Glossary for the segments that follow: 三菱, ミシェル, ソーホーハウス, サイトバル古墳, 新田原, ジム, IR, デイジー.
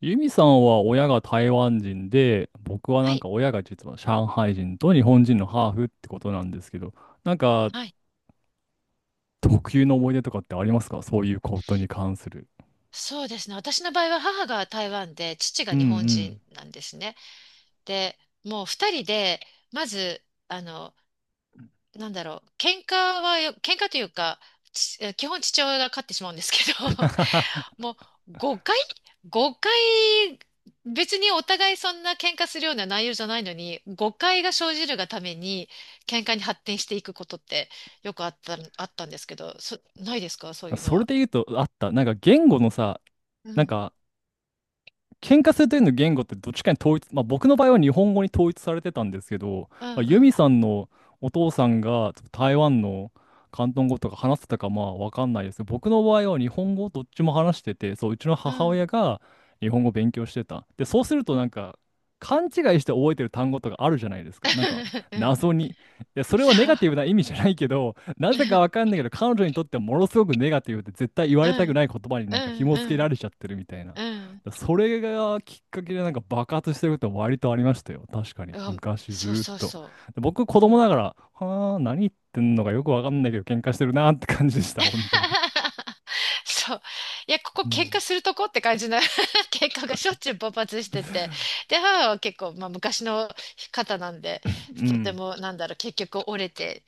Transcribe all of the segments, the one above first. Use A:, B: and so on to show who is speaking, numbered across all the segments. A: ユミさんは親が台湾人で、僕は
B: は
A: なん
B: い。
A: か親が実は上海人と日本人のハーフってことなんですけど、なんか
B: はい。
A: 特有の思い出とかってありますか、そういうことに関する？
B: そうですね。私の場合は母が台湾で、父
A: う
B: が
A: ん
B: 日本
A: うん。
B: 人なんですね。で、もう二人で、まず、あの、なんだろう、喧嘩喧嘩というか、基本父親が勝ってしまうんですけど、もう誤解、別にお互いそんな喧嘩するような内容じゃないのに、誤解が生じるがために、喧嘩に発展していくことってよくあったんですけど、ないですかそういうの
A: それ
B: は？
A: で言うと、あった。なんか言語のさ、
B: う
A: なん
B: ん。
A: か喧嘩するというの言語ってどっちかに統一、まあ、僕の場合は日本語に統一されてたんですけど、
B: う
A: まあ、
B: んう
A: ユミ
B: ん
A: さんのお父さんが台湾の広東語とか話してたかまあわかんないです。僕の場合は日本語どっちも話してて、そう、うちの
B: う
A: 母親
B: ん。
A: が日本語を勉強してた。で、そうするとなんか勘違いして覚えてる単語とかあるじゃないですか。なんか
B: うん。
A: 謎に。いや、それ
B: そ
A: はネ
B: う。
A: ガティブな意味じゃないけど、なぜかわか んないけど、彼女にとってはものすごくネガティブで絶対言わ
B: う
A: れたく
B: ん。
A: ない言葉にな
B: う
A: んか
B: ん。
A: 紐
B: う
A: 付けら
B: ん。
A: れちゃってるみたいな。
B: うん。うん
A: だそれがきっかけでなんか爆発してるって割とありましたよ。確かに。
B: うん、
A: 昔ず
B: そう
A: ーっ
B: そう
A: と。
B: そ
A: で僕
B: う。
A: 子
B: も
A: 供
B: う
A: ながら、はあ、何言ってんのかよくわかんないけど喧嘩してるなーって感じでした。本当に。
B: そう。いや、ここ
A: う
B: 喧嘩
A: ん。
B: するとこって感じの 喧嘩がしょっちゅう勃発してて。で、母は結構、まあ、昔の方なんで、
A: う
B: とて
A: ん、
B: も、結局折れて、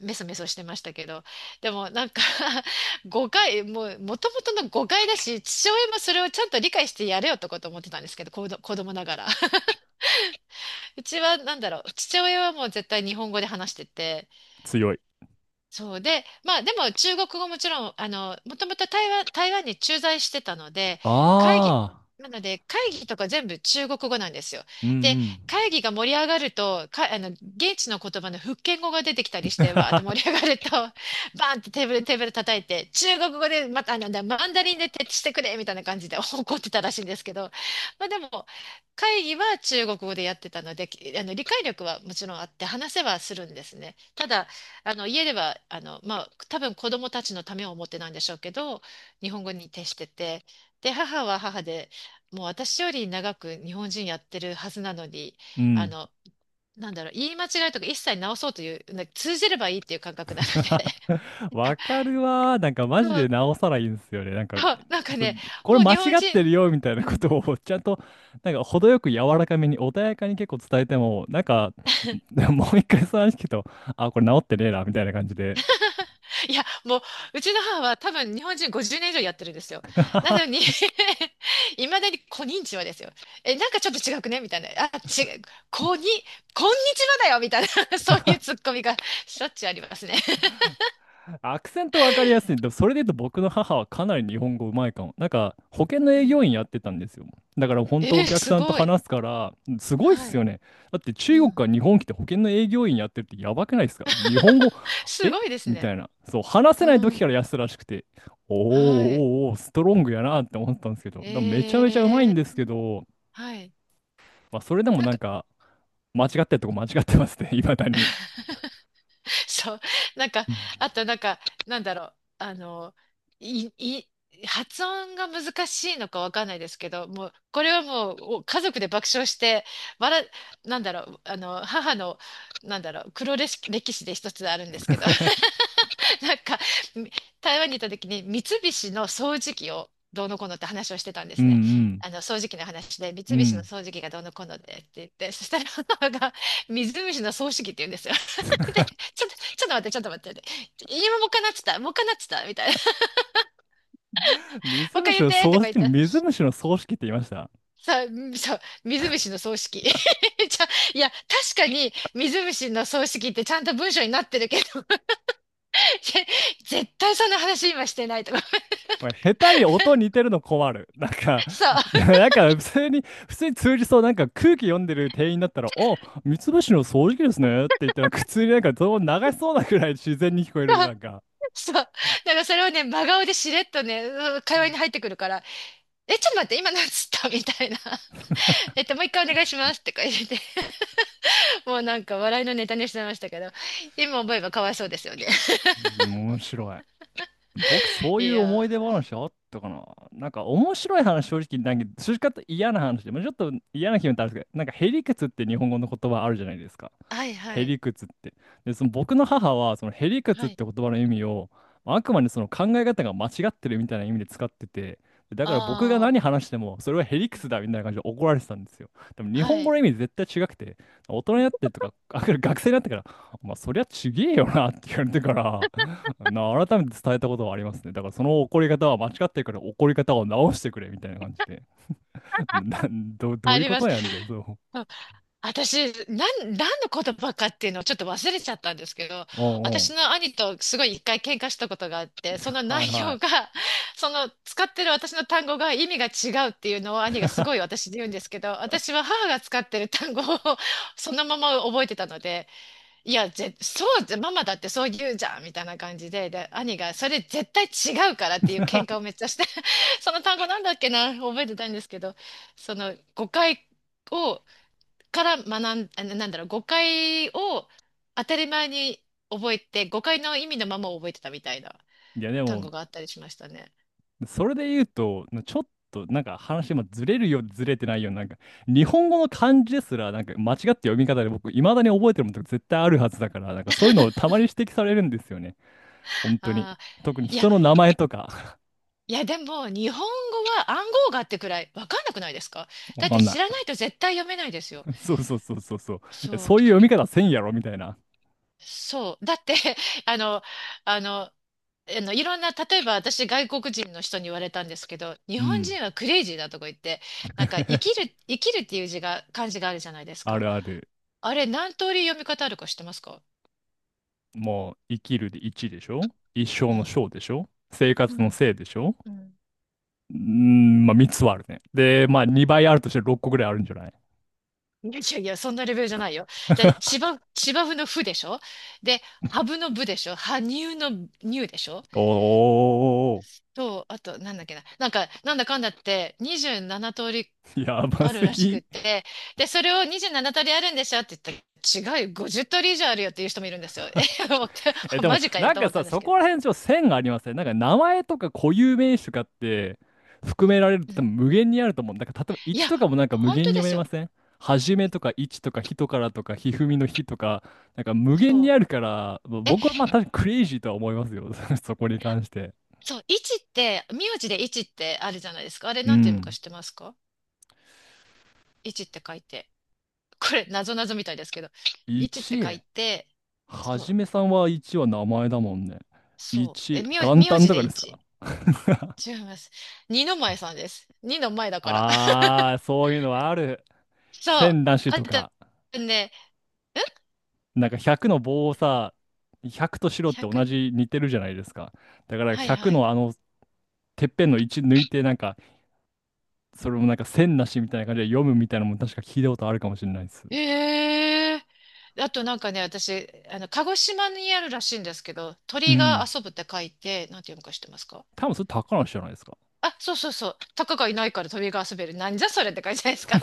B: メソメソしてましたけど。でも、なんか もう、もともとの誤解だし、父親もそれをちゃんと理解してやれよとかと思ってたんですけど、子供ながら。うちは父親はもう絶対日本語で話してて、
A: 強い。
B: そうで、まあでも中国語もちろん、もともと台湾に駐在してたので、会議、
A: ああ。
B: なので会議とか全部中国語なんですよ。
A: うんう
B: で、
A: ん。
B: 会議が盛り上がると、現地の言葉の福建語が出てきたりして、わーって盛 り上がると、バーンってテーブル叩いて、中国語で、また、マンダリンで徹底してくれみたいな感じで 怒ってたらしいんですけど、まあでも、会議は中国語でやってたので、きあの、理解力はもちろんあって、話せはするんですね。ただ、あの家ではまあ、多分子供たちのためを思ってなんでしょうけど、日本語に徹してて、で、母は母で、もう私より長く日本人やってるはずなのに、
A: う
B: あ
A: ん
B: の言い間違いとか一切直そうというな通じればいいっていう感覚なので、
A: わかるわー。なんかマ
B: そ
A: ジで
B: う
A: 直さないんですよね。なんか、
B: そう、なんか
A: そ
B: ね、
A: これ
B: もう
A: 間
B: 日
A: 違
B: 本
A: って
B: 人
A: るよみたいな
B: う
A: こ
B: ん、
A: とを ちゃんと、なんか程よく柔らかめに穏やかに結構伝えても、なんか、もう一回その話聞くと、あ、これ直ってねえな、みたいな感じで
B: いや、もう、うちの母は多分日本人50年以上やってるんですよ。なのに いまだにこんにちはですよ。え、なんかちょっと違くねみたいな。あ、違う。こに、こんにちはだよみたいな そういうツッコミがしょっちゅうありますね。
A: アクセントわかりやすい。でもそれで言うと僕の母はかなり日本語うまいかも。なんか保険の
B: う
A: 営
B: ん、
A: 業員やってたんですよ。だから本当お客
B: す
A: さんと
B: ごい。
A: 話すから、すごいっ
B: は
A: す
B: い。
A: よね。だって
B: う
A: 中国
B: ん。
A: から日本来て保険の営業員やってるってやばくないですか、日本語、
B: す
A: え
B: ごいです
A: みた
B: ね。
A: いな。そう、話せない
B: う
A: 時から
B: ん。
A: やってたらしくて、おーお
B: はい。
A: ーおー、ストロングやなって思ったんですけど、でもめちゃめちゃうまい
B: え
A: ん
B: ー、
A: ですけど、
B: はい。
A: まあそれでも
B: なん
A: なん
B: か
A: か間違ってるとこ間違ってますね、いまだに。
B: そう。なんか、
A: うん
B: あとなんか、なんだろう。あの、い、い、発音が難しいのかわかんないですけど、もう、これはもう、お家族で爆笑して、笑、母の、黒歴史で一つあるんですけど、なんか、台湾に行った時に三菱の掃除機をどうのこうのって話をしてたんで
A: うん
B: す
A: う
B: ね。
A: ん。
B: 掃除機の話で、三
A: う
B: 菱の
A: ん、
B: 掃除機がどうのこうのでって言って、そしたら母が、水虫の掃除機って言うんですよ。で、ちょっと待って、ちょっと待って、今もう一回なってた、もう一回なってた、みたいな。
A: 水
B: もう一回
A: 虫
B: 言っ
A: の
B: て、と
A: 葬
B: か言っ
A: 式、
B: たら、
A: 水虫の葬式って言いました？
B: さううんそう、水虫の葬式。ゃいや、確かに水虫の葬式ってちゃんと文章になってるけど、ぜ絶対そんな話今してないとか。
A: おい、下手に音似てるの困る。なんか、
B: そう。
A: なんか普通に、普通に通じそう、なんか空気読んでる店員だったら、お、水虫の葬式ですねって言って、なんか普通になんかどうも流しそうなくらい自然に聞こえる、な んか、
B: そう。だからそれをね、真顔でしれっとね、うん、会話に入ってくるから、え、ちょっと待って、今何つったみたいな。もう一回お願いしますとか入れて、もうなんか笑いのネタにしてましたけど、今思えばかわいそうですよね。
A: 面白い。僕、そ うい
B: い
A: う思
B: や
A: い出話あったかな、なんか、面白い話、正直、なんか、正直言っと嫌な話で、まあ、ちょっと嫌な気分ってあるんですけど、なんか、へりくつって日本語の言葉あるじゃないですか。
B: ー。はいは
A: へ
B: い。
A: りくつって。で、その僕の母は、そのへりくつ
B: は
A: っ
B: い。
A: て言葉の意味を、あくまでその考え方が間違ってるみたいな意味で使ってて、でだから僕が
B: あ
A: 何話しても、それはへりくつだみたいな感じで怒られてたんですよ。でも
B: あ、
A: 日
B: は
A: 本語
B: い。
A: の意味絶対違くて、大人になってとか、あ学生になってから、お前そりゃちげえよなって言われてから、改めて伝えたことはありますね。だからその怒り方は間違ってるから怒り方を直してくれみたいな感じで。な、ど
B: あ
A: ういう
B: り
A: こ
B: ま
A: と
B: す。
A: やんで、そう。
B: 私、何の言葉かっていうのをちょっと忘れちゃったんですけど、
A: うんう
B: 私
A: ん。
B: の兄とすごい一回喧嘩したことがあって、その
A: はい
B: 内
A: は
B: 容が、
A: い。
B: その使ってる私の単語が意味が違うっていうのを兄がすごい 私に言うんですけど、私は母が使ってる単語を そのまま覚えてたので、いや、ぜ、そうじゃ、ママだってそう言うじゃんみたいな感じで、で、兄がそれ絶対違うからっていう喧嘩をめっちゃして、その単語なんだっけな、覚えてたんですけど、その誤解を、から学ん、あなんだろう、誤解を当たり前に覚えて、誤解の意味のままを覚えてたみたいな
A: いやで
B: 単
A: も、
B: 語があったりしましたね。
A: それで言うと、ちょっとなんか話もずれるよずれてないよな、なんか日本語の漢字ですら、なんか間違って読み方で僕、いまだに覚えてるものとか絶対あるはずだから、なんかそういうのをたまに指摘されるんですよね。本当に。
B: ああ、
A: 特に
B: いや、
A: 人の名前とか、
B: いや、でも、日本語は暗号があってくらいわかんなくないですか？ だ
A: わ
B: っ
A: か
B: て
A: んな
B: 知
A: い。
B: らないと絶対読めないですよ。
A: そうそうそうそうそう。いや
B: そう、
A: そういう読み方せんやろみたいな。
B: そう。だって、あの、あの、いろんな、例えば私、外国人の人に言われたんですけど、日
A: う
B: 本
A: ん。
B: 人はクレイジーだとか言って、なんか、生き る、生きるっていう漢字があるじゃないです
A: あ
B: か。
A: るある。
B: あれ、何通り読み方あるか知ってますか？
A: もう、生きるで1でしょ？一生
B: う
A: の
B: ん。
A: 生でしょ？生
B: う
A: 活の
B: ん。
A: 生でしょ？
B: うん。
A: うーん、まあ3つはあるね。で、まあ2倍あるとして6個ぐらいあるんじゃない？
B: いやいやいや、そんなレベルじゃないよ。だって、芝生のふでしょ？で、ハブのぶでしょ？羽生の乳でしょ？
A: お
B: と、あと、なんだっけな。なんか、なんだかんだって、27通り
A: ー、やば
B: ある
A: す
B: らしくっ
A: ぎ。
B: て、で、それを27通りあるんでしょって言ったら、違うよ、50通り以上あるよっていう人もいるんですよ。
A: え、
B: え、
A: で
B: マ
A: も、
B: ジかよ
A: なん
B: と
A: か
B: 思った
A: さ、
B: んです
A: そ
B: けど。
A: こら辺ちょっと線がありますね。なんか名前とか固有名詞とかって含められる
B: う
A: と多
B: ん、
A: 分無限にあると思う。なんか例えば
B: い
A: 1
B: や、
A: とかもなんか無
B: 本
A: 限
B: 当
A: に
B: で
A: 読
B: す
A: めま
B: よ。
A: せん？はじめとか1とか人からとかひふみのひとか、なんか無限
B: そ
A: にある
B: う。
A: から、まあ僕はまあ確かにクレイジーとは思いますよ。そこに関して。
B: そう、一って、名字で一ってあるじゃないですか。あれ
A: う
B: なんて読むか
A: ん。
B: 知ってますか？一って書いて。これ、なぞなぞみたいですけど。一って書
A: 1、
B: いて、
A: は
B: そ
A: じ
B: う、
A: めさんは1は名前だもんね。
B: そう。え、
A: 1、元
B: 名
A: 旦
B: 字
A: と
B: で
A: かです
B: 一。
A: か？
B: 違います。二の前さんです。二の前だから。
A: ああー、そういうのはある。
B: そう。
A: 千なし
B: あ
A: と
B: と
A: か。
B: ね、
A: なんか100の棒をさ、100と白って
B: 100の、
A: 同じ似てるじゃないですか。だから
B: はい
A: 100
B: はい。
A: のあのてっぺんの1抜いてなんか、それもなんか線なしみたいな感じで読むみたいなのも確か聞いたことあるかもしれないです。
B: ええ、あとなんかね、私、鹿児島にあるらしいんですけど、
A: う
B: 鳥が
A: ん。
B: 遊ぶって書いて、なんて読むか知ってますか？
A: 多分それ高梨じゃないですか。
B: あ、そうそうそう。タカがいないから鳥が遊べる。なんじゃそれって感じじゃないですか。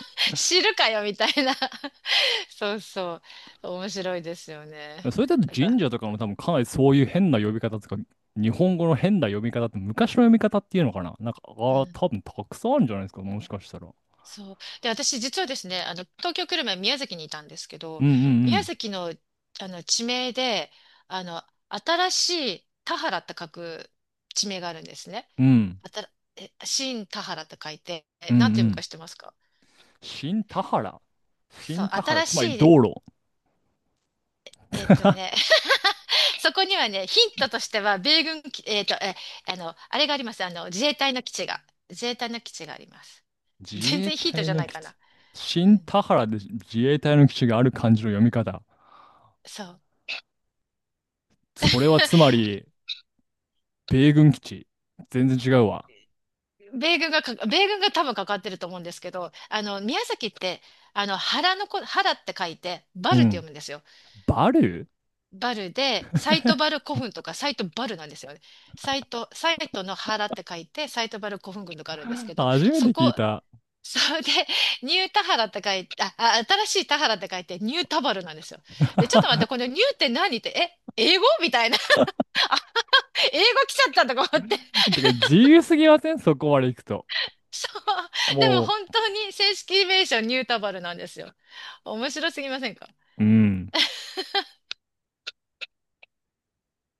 B: 知るかよみたいな。そうそう。面白いですよね。
A: それだと
B: なん
A: 神
B: か、
A: 社とかも多分かなりそういう変な呼び方とか、日本語の変な読み方って昔の読み方っていうのかな、なんか、あ
B: う
A: あ、
B: ん。
A: 多分たくさんあるんじゃないですか、もしかしたら。
B: そう。で、私実はですね、東京来る前宮崎にいたんですけ
A: う
B: ど、
A: んう
B: 宮
A: ん
B: 崎の、地名で、あの、新しい田原って書く地名があるんですね。
A: うん。うん。
B: あたら、新田原って書いて、
A: うんう
B: なんて読むか
A: ん。
B: 知ってますか？
A: 新田原。
B: そ
A: 新
B: う、
A: 田原、
B: 新
A: つ
B: し
A: まり
B: い、
A: 道路。
B: えっと ね、そこにはね、ヒントとしては、米軍基、えっと、え、あの、あれがあります。自衛隊の基地があります。
A: 自
B: 全
A: 衛
B: 然ヒント
A: 隊
B: じゃ
A: の
B: ない
A: 基
B: か
A: 地、
B: な。う
A: 新
B: ん。
A: 田原で自衛隊の基地がある漢字の読み方。
B: そう。
A: それはつま り、米軍基地。全然違うわ。
B: 米軍が多分かかってると思うんですけど、宮崎って、原のこ、原って書いて、バ
A: う
B: ルって読
A: ん。
B: むんですよ。
A: バル
B: バルで、サイトバ
A: ー
B: ル古墳とか、サイトバルなんですよね。サイトの原って書いて、サイトバル古墳群とかあるんです けど、
A: 初めて聞いた。
B: それで、ニュータハラって書いて、あ、新しいタハラって書いて、ニュータバルなんですよ。で、ちょっと待って、この ニューって何って、え、英語みたいな。あ、英語来ちゃったとか思って。
A: てか、自由すぎません？そこまで行くと。
B: そう。でも
A: も
B: 本当に正式名称ニュータバルなんですよ。面白すぎませんか？
A: う、うん。